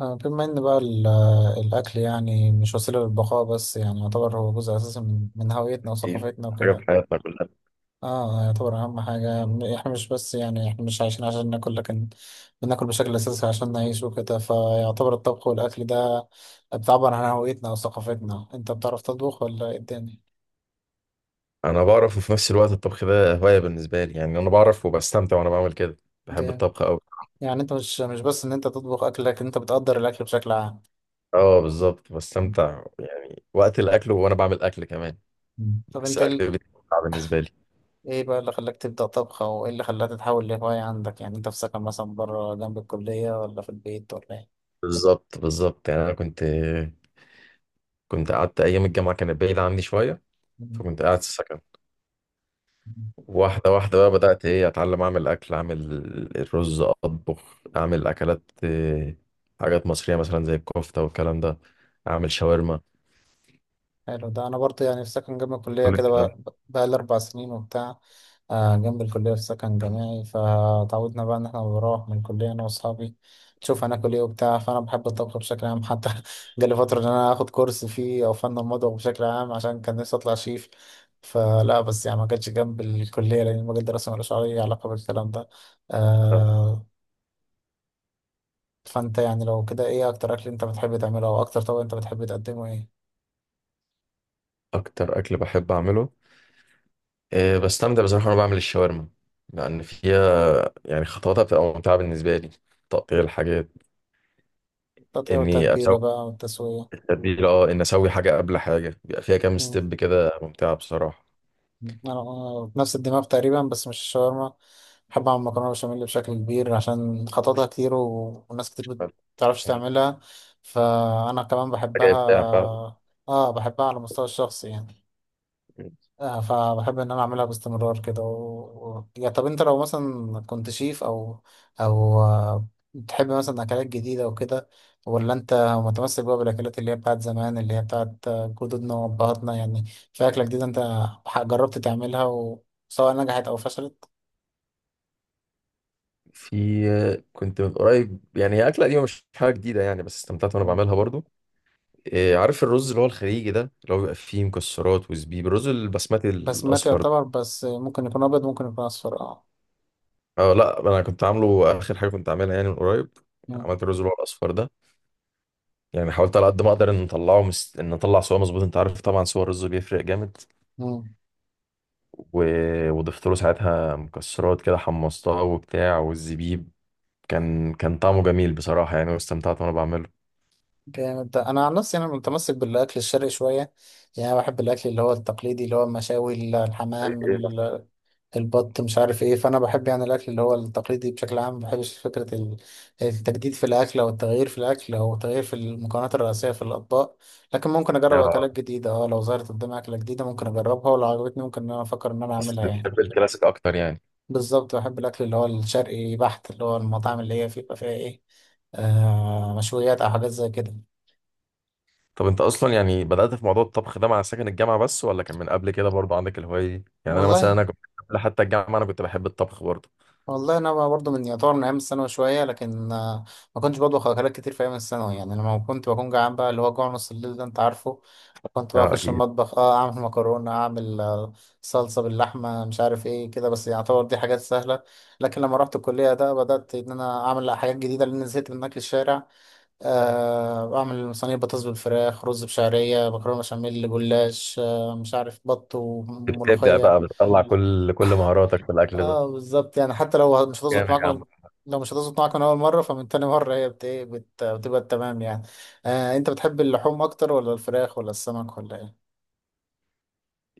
بما ان بقى الاكل يعني مش وسيله للبقاء، بس يعني يعتبر هو جزء اساسي من هويتنا إيه، وثقافتنا حاجة وكده. في حياتنا كلها. اه، يعتبر اهم حاجه. احنا مش بس يعني احنا مش عايشين عشان ناكل، لكن بناكل بشكل اساسي عشان نعيش وكده. فيعتبر الطبخ والاكل ده بتعبر عن هويتنا وثقافتنا. انت بتعرف تطبخ ولا ايه الدنيا؟ أنا بعرف، وفي نفس الوقت الطبخ ده هواية بالنسبة لي. يعني أنا بعرف وبستمتع وأنا بعمل كده، بحب جامد. الطبخ أوي. يعني انت مش بس ان انت تطبخ اكل، لكن انت بتقدر الاكل بشكل عام. أه، بالظبط بستمتع يعني وقت الأكل وأنا بعمل أكل كمان. مم. طب بحس انت، الأكل بيتمتع بالنسبة لي. ايه بقى اللي خلاك تبدأ طبخ؟ او ايه اللي خلاها تتحول لهواية عندك؟ يعني انت في سكن مثلا بره جنب الكلية، ولا في البيت، ولا بالظبط بالظبط، يعني أنا كنت قعدت أيام الجامعة كانت بعيدة عني شوية، ايه؟ فكنت قاعد في السكن. واحدة واحدة بقى بدأت، إيه، أتعلم أعمل أكل، أعمل الرز، أطبخ، أعمل أكلات حاجات مصرية مثلا زي الكفتة والكلام ده، أعمل شاورما، حلو ده. انا برضه يعني في سكن جنب الكليه كل كده، الكلام بقى لي 4 سنين وبتاع. جنب الكليه في سكن جامعي، فتعودنا بقى ان احنا بنروح من الكليه انا واصحابي نشوف هناكل ايه وبتاع. فانا بحب الطبخ بشكل عام. حتى جالي فتره ان انا اخد كورس فيه او فن المطبخ بشكل عام، عشان كان نفسي اطلع شيف. فلا، بس يعني ما كانش جنب الكليه لان المجال دراسه ملوش اي علاقه بالكلام ده. ده. آه، فانت يعني لو كده، ايه اكتر اكل انت بتحب تعمله؟ او اكتر طبق انت بتحب تقدمه ايه؟ اكتر اكل بحب اعمله، أه بستمتع بصراحه وانا بعمل الشاورما، لان فيها يعني خطواتها بتبقى ممتعه بالنسبه لي. تقطيع الحاجات، التقطيع اني والتتبيله اسوي بقى والتسويه. التتبيله، اه، ان اسوي حاجه قبل حاجه، بيبقى فيها كام ستيب كده ممتعه بصراحه. انا نفس الدماغ تقريبا، بس مش الشاورما. بحب اعمل مكرونه بشاميل بشكل كبير عشان خططها كتير وناس كتير بتعرفش مم. تعملها، فانا كمان حاجه بحبها. ابداع فعلا. اه، بحبها على المستوى الشخصي يعني. مم. فبحب ان انا اعملها باستمرار كده يا طب انت لو مثلا كنت شيف، او او آه، بتحب مثلا اكلات جديده وكده؟ ولا انت متمسك بقى بالاكلات اللي هي بتاعت زمان، اللي هي بتاعت جدودنا وابهاتنا يعني؟ في اكله جديده انت جربت تعملها، وسواء نجحت او فشلت؟ في، كنت من قريب، يعني هي اكله قديمه مش حاجه جديده يعني، بس استمتعت وانا مم. بعملها برضو. أه، عارف الرز اللي هو الخليجي ده اللي هو بيبقى فيه مكسرات وزبيب، الرز البسمتي بس ما الاصفر. يعتبر، بس ممكن يكون ابيض، ممكن يكون اصفر، اه. اه، لا انا كنت عامله، اخر حاجه كنت عاملها يعني من قريب، مم. عملت الرز اللي هو الاصفر ده. يعني حاولت على قد ما اقدر ان نطلعه ان نطلع صوره مظبوط، انت عارف طبعا صور الرز بيفرق جامد. مم. و... وضفت له ساعتها مكسرات كده، حمصتها وبتاع والزبيب. كان طعمه جميل بصراحه يعني، واستمتعت وانا بعمله. جامد ده. انا عن نفسي انا متمسك بالاكل الشرقي شويه، يعني أنا بحب الاكل اللي هو التقليدي، اللي هو المشاوي، زي الحمام، ايه بس؟ البط، مش عارف ايه. فانا بحب يعني الاكل اللي هو التقليدي بشكل عام. ما بحبش فكره التجديد في الاكل، او التغيير في الاكل، او التغيير في المكونات الرئيسيه في الاطباق. لكن ممكن اجرب آه، اكلات جديده، اه. لو ظهرت قدامي اكله جديده ممكن اجربها، ولو عجبتني ممكن ان انا افكر ان انا بس اعملها يعني. بتحب الكلاسيك اكتر يعني. بالظبط، بحب الاكل اللي هو الشرقي بحت، اللي هو المطاعم اللي هي بيبقى فيها ايه، مشويات او حاجات زي كده. طب انت اصلا يعني بدات في موضوع الطبخ ده مع سكن الجامعه بس، ولا كان من قبل كده برضه عندك الهوايه دي؟ يعني انا مثلا والله. انا كنت قبل حتى الجامعه، انا كنت بحب الطبخ برضه. والله انا بقى برضه من يعتبر من ايام الثانوي شويه، لكن ما كنتش بطبخ اكلات كتير في ايام الثانوي يعني. لما كنت بكون جعان بقى، اللي هو جوع نص الليل ده، انت عارفه، كنت بقى اه اخش اكيد. المطبخ، اه، اعمل مكرونه، اعمل صلصه باللحمه، مش عارف ايه كده. بس يعتبر دي حاجات سهله. لكن لما رحت الكليه ده بدات ان انا اعمل حاجات جديده، لان زهقت من اكل الشارع. اعمل صينيه بطاطس بالفراخ، رز بشعريه، مكرونه بشاميل، جلاش، مش عارف، بط بتبدع وملوخيه. بقى، بتطلع كل مهاراتك في الاكل ده. اه بالظبط، يعني حتى لو مش جامد هتظبط يا عم. معاكم. لو مش هتظبط معاكم من اول مره، فمن تاني مره هي بتبقى تمام يعني. انت بتحب اللحوم اكتر، ولا الفراخ، ولا السمك، ولا ايه؟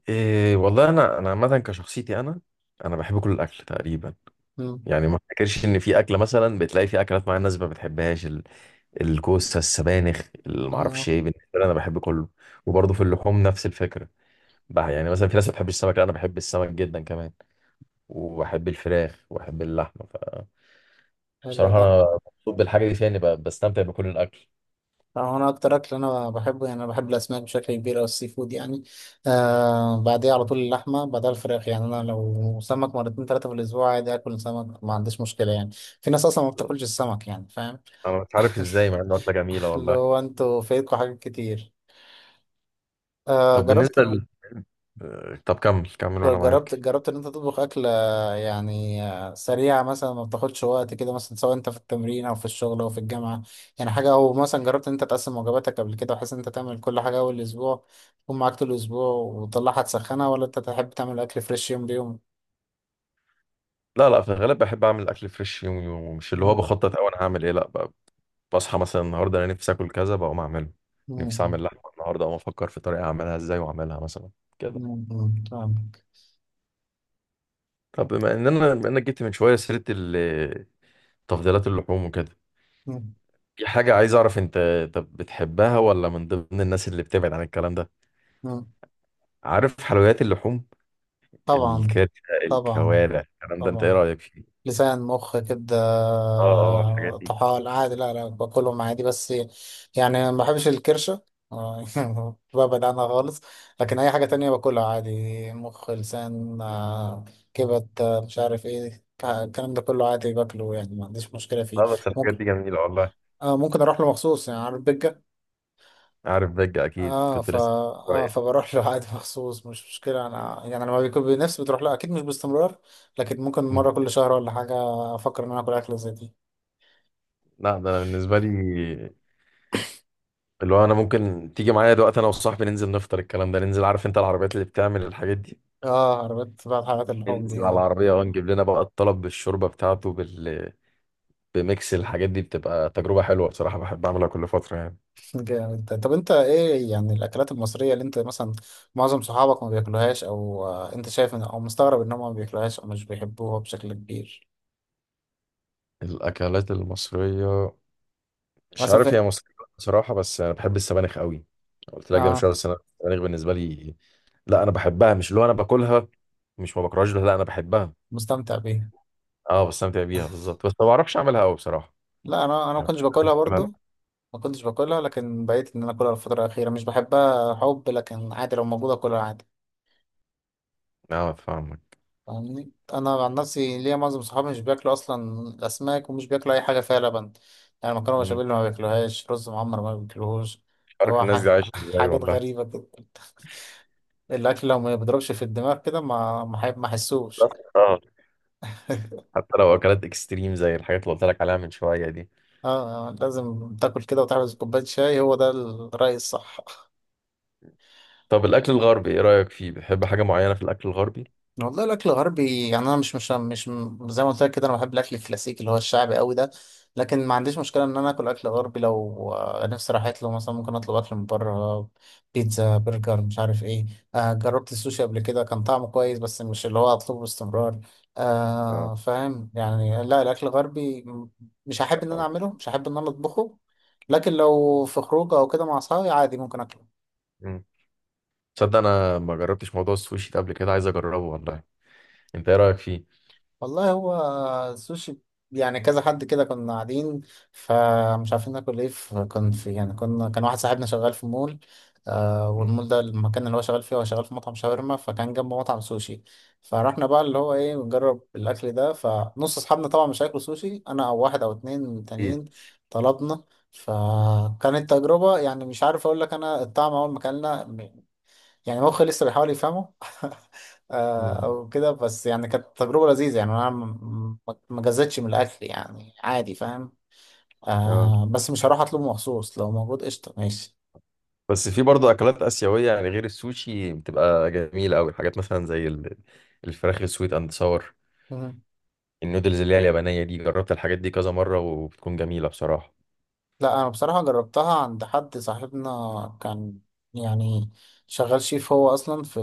إيه والله، انا عامه كشخصيتي، انا انا بحب كل الاكل تقريبا. مم. يعني ما افتكرش ان في اكله، مثلا بتلاقي في اكلات معينه الناس ما بتحبهاش، الكوسه، السبانخ، اللي ما اه، اعرفش ايه، بالنسبه لي انا بحب كله. وبرضه في اللحوم نفس الفكره بقى، يعني مثلا في ناس ما بتحبش السمك، لا انا بحب السمك جدا كمان، وبحب الفراخ وبحب اللحمه. حلو فبصراحه ده. انا مبسوط بالحاجه دي فيها، اني بستمتع بكل الاكل. انا اكتر اكل انا بحبه، يعني انا بحب الاسماك بشكل كبير او السي فود يعني. بعديها على طول اللحمه، بعدها الفراخ يعني. انا لو سمك 2 3 في الاسبوع عادي، اكل سمك ما عنديش مشكله يعني. في ناس اصلا ما بتاكلش السمك يعني، فاهم؟ انا مش عارف ازاي، مع انه اكله جميله اللي والله. هو انتوا فايتكم حاجات كتير. آه طب بالنسبه جربت ل... آه، طب كمل كمل وانا جربت معاك. جربت ان انت تطبخ اكلة، يعني سريعة مثلا ما بتاخدش وقت، كده مثلا، سواء انت في التمرين او في الشغل او في الجامعة، يعني حاجة؟ او مثلا جربت ان انت تقسم وجباتك قبل كده، بحيث ان انت تعمل كل حاجة اول اسبوع تكون معاك طول الاسبوع وتطلعها تسخنها؟ ولا انت تحب تعمل اكل فريش يوم بيوم؟ لا لا، في الغالب بحب اعمل اكل فريش يومي، ومش اللي هو مم. بخطط او انا هعمل ايه، لا بصحى مثلا النهارده انا نفسي اكل كذا، بقوم اعمله. نفسي اعمل مم. لحمه النهارده، اقوم افكر في طريقه اعملها ازاي واعملها مثلا كده. مم. مم. فاهمك. طب بما ان انا بما انك جبت من شويه سيره تفضيلات اللحوم وكده، مم. في حاجه عايز اعرف، انت طب بتحبها ولا من ضمن الناس اللي بتبعد عن الكلام ده؟ مم. عارف حلويات اللحوم، طبعا. الكرشه، طبعا. الكوارع، الكلام ده، انت ايه طبعا. رايك فيه؟ لسان، مخ كده. اه، اه، الحاجات دي. طحال، عادي. لا لا، باكلهم عادي، بس يعني ما بحبش الكرشة. ببعد عنها خالص. لكن أي حاجة تانية باكلها عادي، مخ، لسان، كبد، مش عارف ايه الكلام ده كله عادي باكله، يعني ما عنديش مشكلة فيه. لا بس الحاجات ممكن، دي جميله والله. ممكن أروح له مخصوص يعني، عارف بيجا. عارف بجة؟ أكيد اه، كنت فا، لسه قريب. فبروح له عادي مخصوص، مش مشكلة أنا يعني. لما بيكون بنفسي بتروح له أكيد، مش باستمرار. لكن ممكن مم. مرة كل شهر ولا حاجة أفكر إن أنا آكل أكلة زي دي. لا ده أنا بالنسبة لي، اللي هو أنا ممكن تيجي معايا دلوقتي، أنا وصاحبي ننزل نفطر الكلام ده، ننزل، عارف أنت العربيات اللي بتعمل الحاجات دي، اه، عربيات بقى، حلقات اللحوم دي، ننزل على اه. العربية أه، نجيب لنا بقى الطلب بالشوربة بتاعته بميكس الحاجات دي، بتبقى تجربة حلوة بصراحة، بحب أعملها كل فترة يعني. جامد ده. طب انت ايه يعني الاكلات المصريه اللي انت مثلا معظم صحابك ما بياكلوهاش؟ او انت شايف ان، او مستغرب انهم ما بياكلوهاش او مش بيحبوها بشكل كبير؟ الأكلات المصرية، مش مثلا عارف في، هي مصرية بصراحة، بس أنا بحب السبانخ قوي. قلت لك ده مش اه، عارف، بس أنا السبانخ بالنسبة لي، لا أنا بحبها، مش اللي هو أنا باكلها، مش ما بكرهاش، لا أنا بحبها. مستمتع بيها. اه بستمتع بيها بالظبط، بس ما بعرفش اعملها قوي بصراحه لا، انا ما يعني. كنتش باكلها أنا- برضو. ما كنتش باكلها، لكن بقيت ان انا اكلها الفتره الاخيره. مش بحبها حب، لكن عادي لو موجوده اكلها عادي. اه فاهمك. فاهمني، انا عن نفسي، ليا معظم صحابي مش بياكلوا اصلا الاسماك، ومش بياكلوا اي حاجه فيها لبن، يعني مكرونه مم. بشاميل ما بياكلوهاش، رز معمر ما بياكلوهوش. مش اللي عارف هو الناس دي عايشه ازاي حاجات والله. غريبه كده. الاكل لو ما بيضربش في الدماغ كده ما حسوش. بس، اه، حتى لو اكلات اكستريم زي الحاجات اللي قلت لك عليها من شويه دي. اه. لازم تاكل كده وتحبس كوبايه شاي، هو ده الرأي الصح. طب الاكل الغربي ايه رايك فيه؟ بتحب حاجه معينه في الاكل الغربي؟ والله الاكل الغربي يعني انا مش، زي ما قلت لك كده، انا بحب الاكل الكلاسيكي اللي هو الشعبي قوي ده. لكن ما عنديش مشكله ان انا اكل اكل غربي لو نفسي راحت له مثلا. ممكن اطلب اكل من بره، بيتزا، برجر، مش عارف ايه. جربت السوشي قبل كده، كان طعمه كويس، بس مش اللي هو اطلبه باستمرار. اه فاهم يعني. لا، الاكل الغربي مش هحب ان انا فاهم. اعمله، مش هحب ان انا اطبخه. لكن لو في خروجه او كده مع اصحابي عادي ممكن اكله. مم. تصدق انا ما جربتش موضوع السوشي ده قبل كده، عايز اجربه والله، انت ايه رايك فيه؟ والله هو، السوشي يعني، كذا حد كده كنا قاعدين، فمش عارفين ناكل ايه. فكان في يعني، كنا، كان واحد صاحبنا شغال في مول. مم. والمول ده المكان اللي هو شغال فيه، هو شغال في مطعم شاورما، فكان جنبه مطعم سوشي. فرحنا بقى اللي هو ايه نجرب الاكل ده. فنص اصحابنا طبعا مش هياكلوا سوشي، انا او واحد او اتنين إيه؟ تانيين طلبنا. فكانت تجربة يعني، مش عارف اقول لك انا الطعم، اول ما اكلنا يعني مخي لسه بيحاول يفهمه. مم. او كده، بس يعني كانت تجربه لذيذه يعني، انا ما جزتش من الاكل يعني عادي، فاهم. اه بس مش هروح اطلبه مخصوص، لو موجود قشطه ماشي. بس في برضه اكلات اسيويه يعني غير السوشي، بتبقى جميله قوي، حاجات مثلا زي الفراخ السويت اند ساور، النودلز اللي هي اليابانية دي، جربت الحاجات دي كذا مرة وبتكون جميلة بصراحة. لا، انا بصراحة جربتها عند حد صاحبنا، كان يعني شغال شيف. هو اصلا في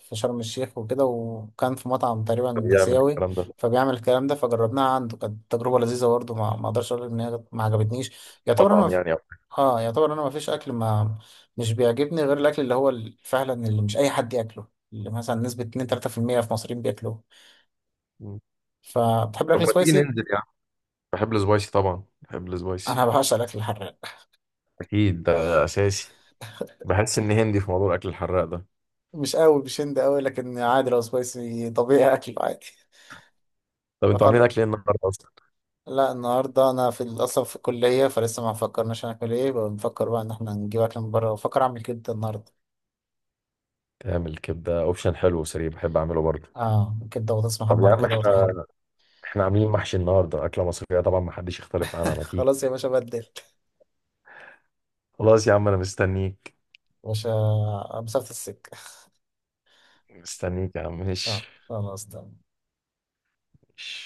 في شرم الشيخ وكده، وكان في مطعم تقريبا بيعمل اسيوي، الكلام ده في فبيعمل الكلام ده. فجربناها عنده، كانت تجربة لذيذة برضه، ما اقدرش اقول ان هي ما عجبتنيش. يعتبر انا ما مطعم في... يعني أو. اه يعتبر انا ما فيش اكل، ما مش بيعجبني غير الاكل اللي هو فعلا اللي مش اي حد ياكله. اللي مثلا نسبة 2 3% في المية في المصريين بياكلوه. مم. فتحب طب الاكل ما تيجي سبايسي؟ ننزل يعني. بحب السبايسي طبعا، بحب السبايسي. انا بعشق الاكل الحراق. أكيد ده أساسي، بحس إن هندي في موضوع الأكل الحراق ده. مش قوي، مش هند قوي، لكن عادي لو سبايسي طبيعي اكل عادي. طب أنتوا عاملين فخلاص. أكل إيه النهاردة أصلا؟ لا، النهارده انا في اصلا في الكليه، فلسه ما فكرناش هناكل ايه. بنفكر بقى ان احنا نجيب اكل من بره، بفكر اعمل كبده النهارده. تعمل كبدة، أوبشن حلو وسريع، بحب أعمله برضه. اه، كبده وبطاطس طب يا محمر عم، كده وطحين. إحنا عاملين محشي النهاردة، أكلة مصرية طبعا ما حدش يختلف عنها، ما تيجي. خلاص يا باشا. بدل يا خلاص يا عم أنا مستنيك، باشا مسافه السكه. مستنيك يا عم، اه، ماشي. خلاص تمام. ماشي.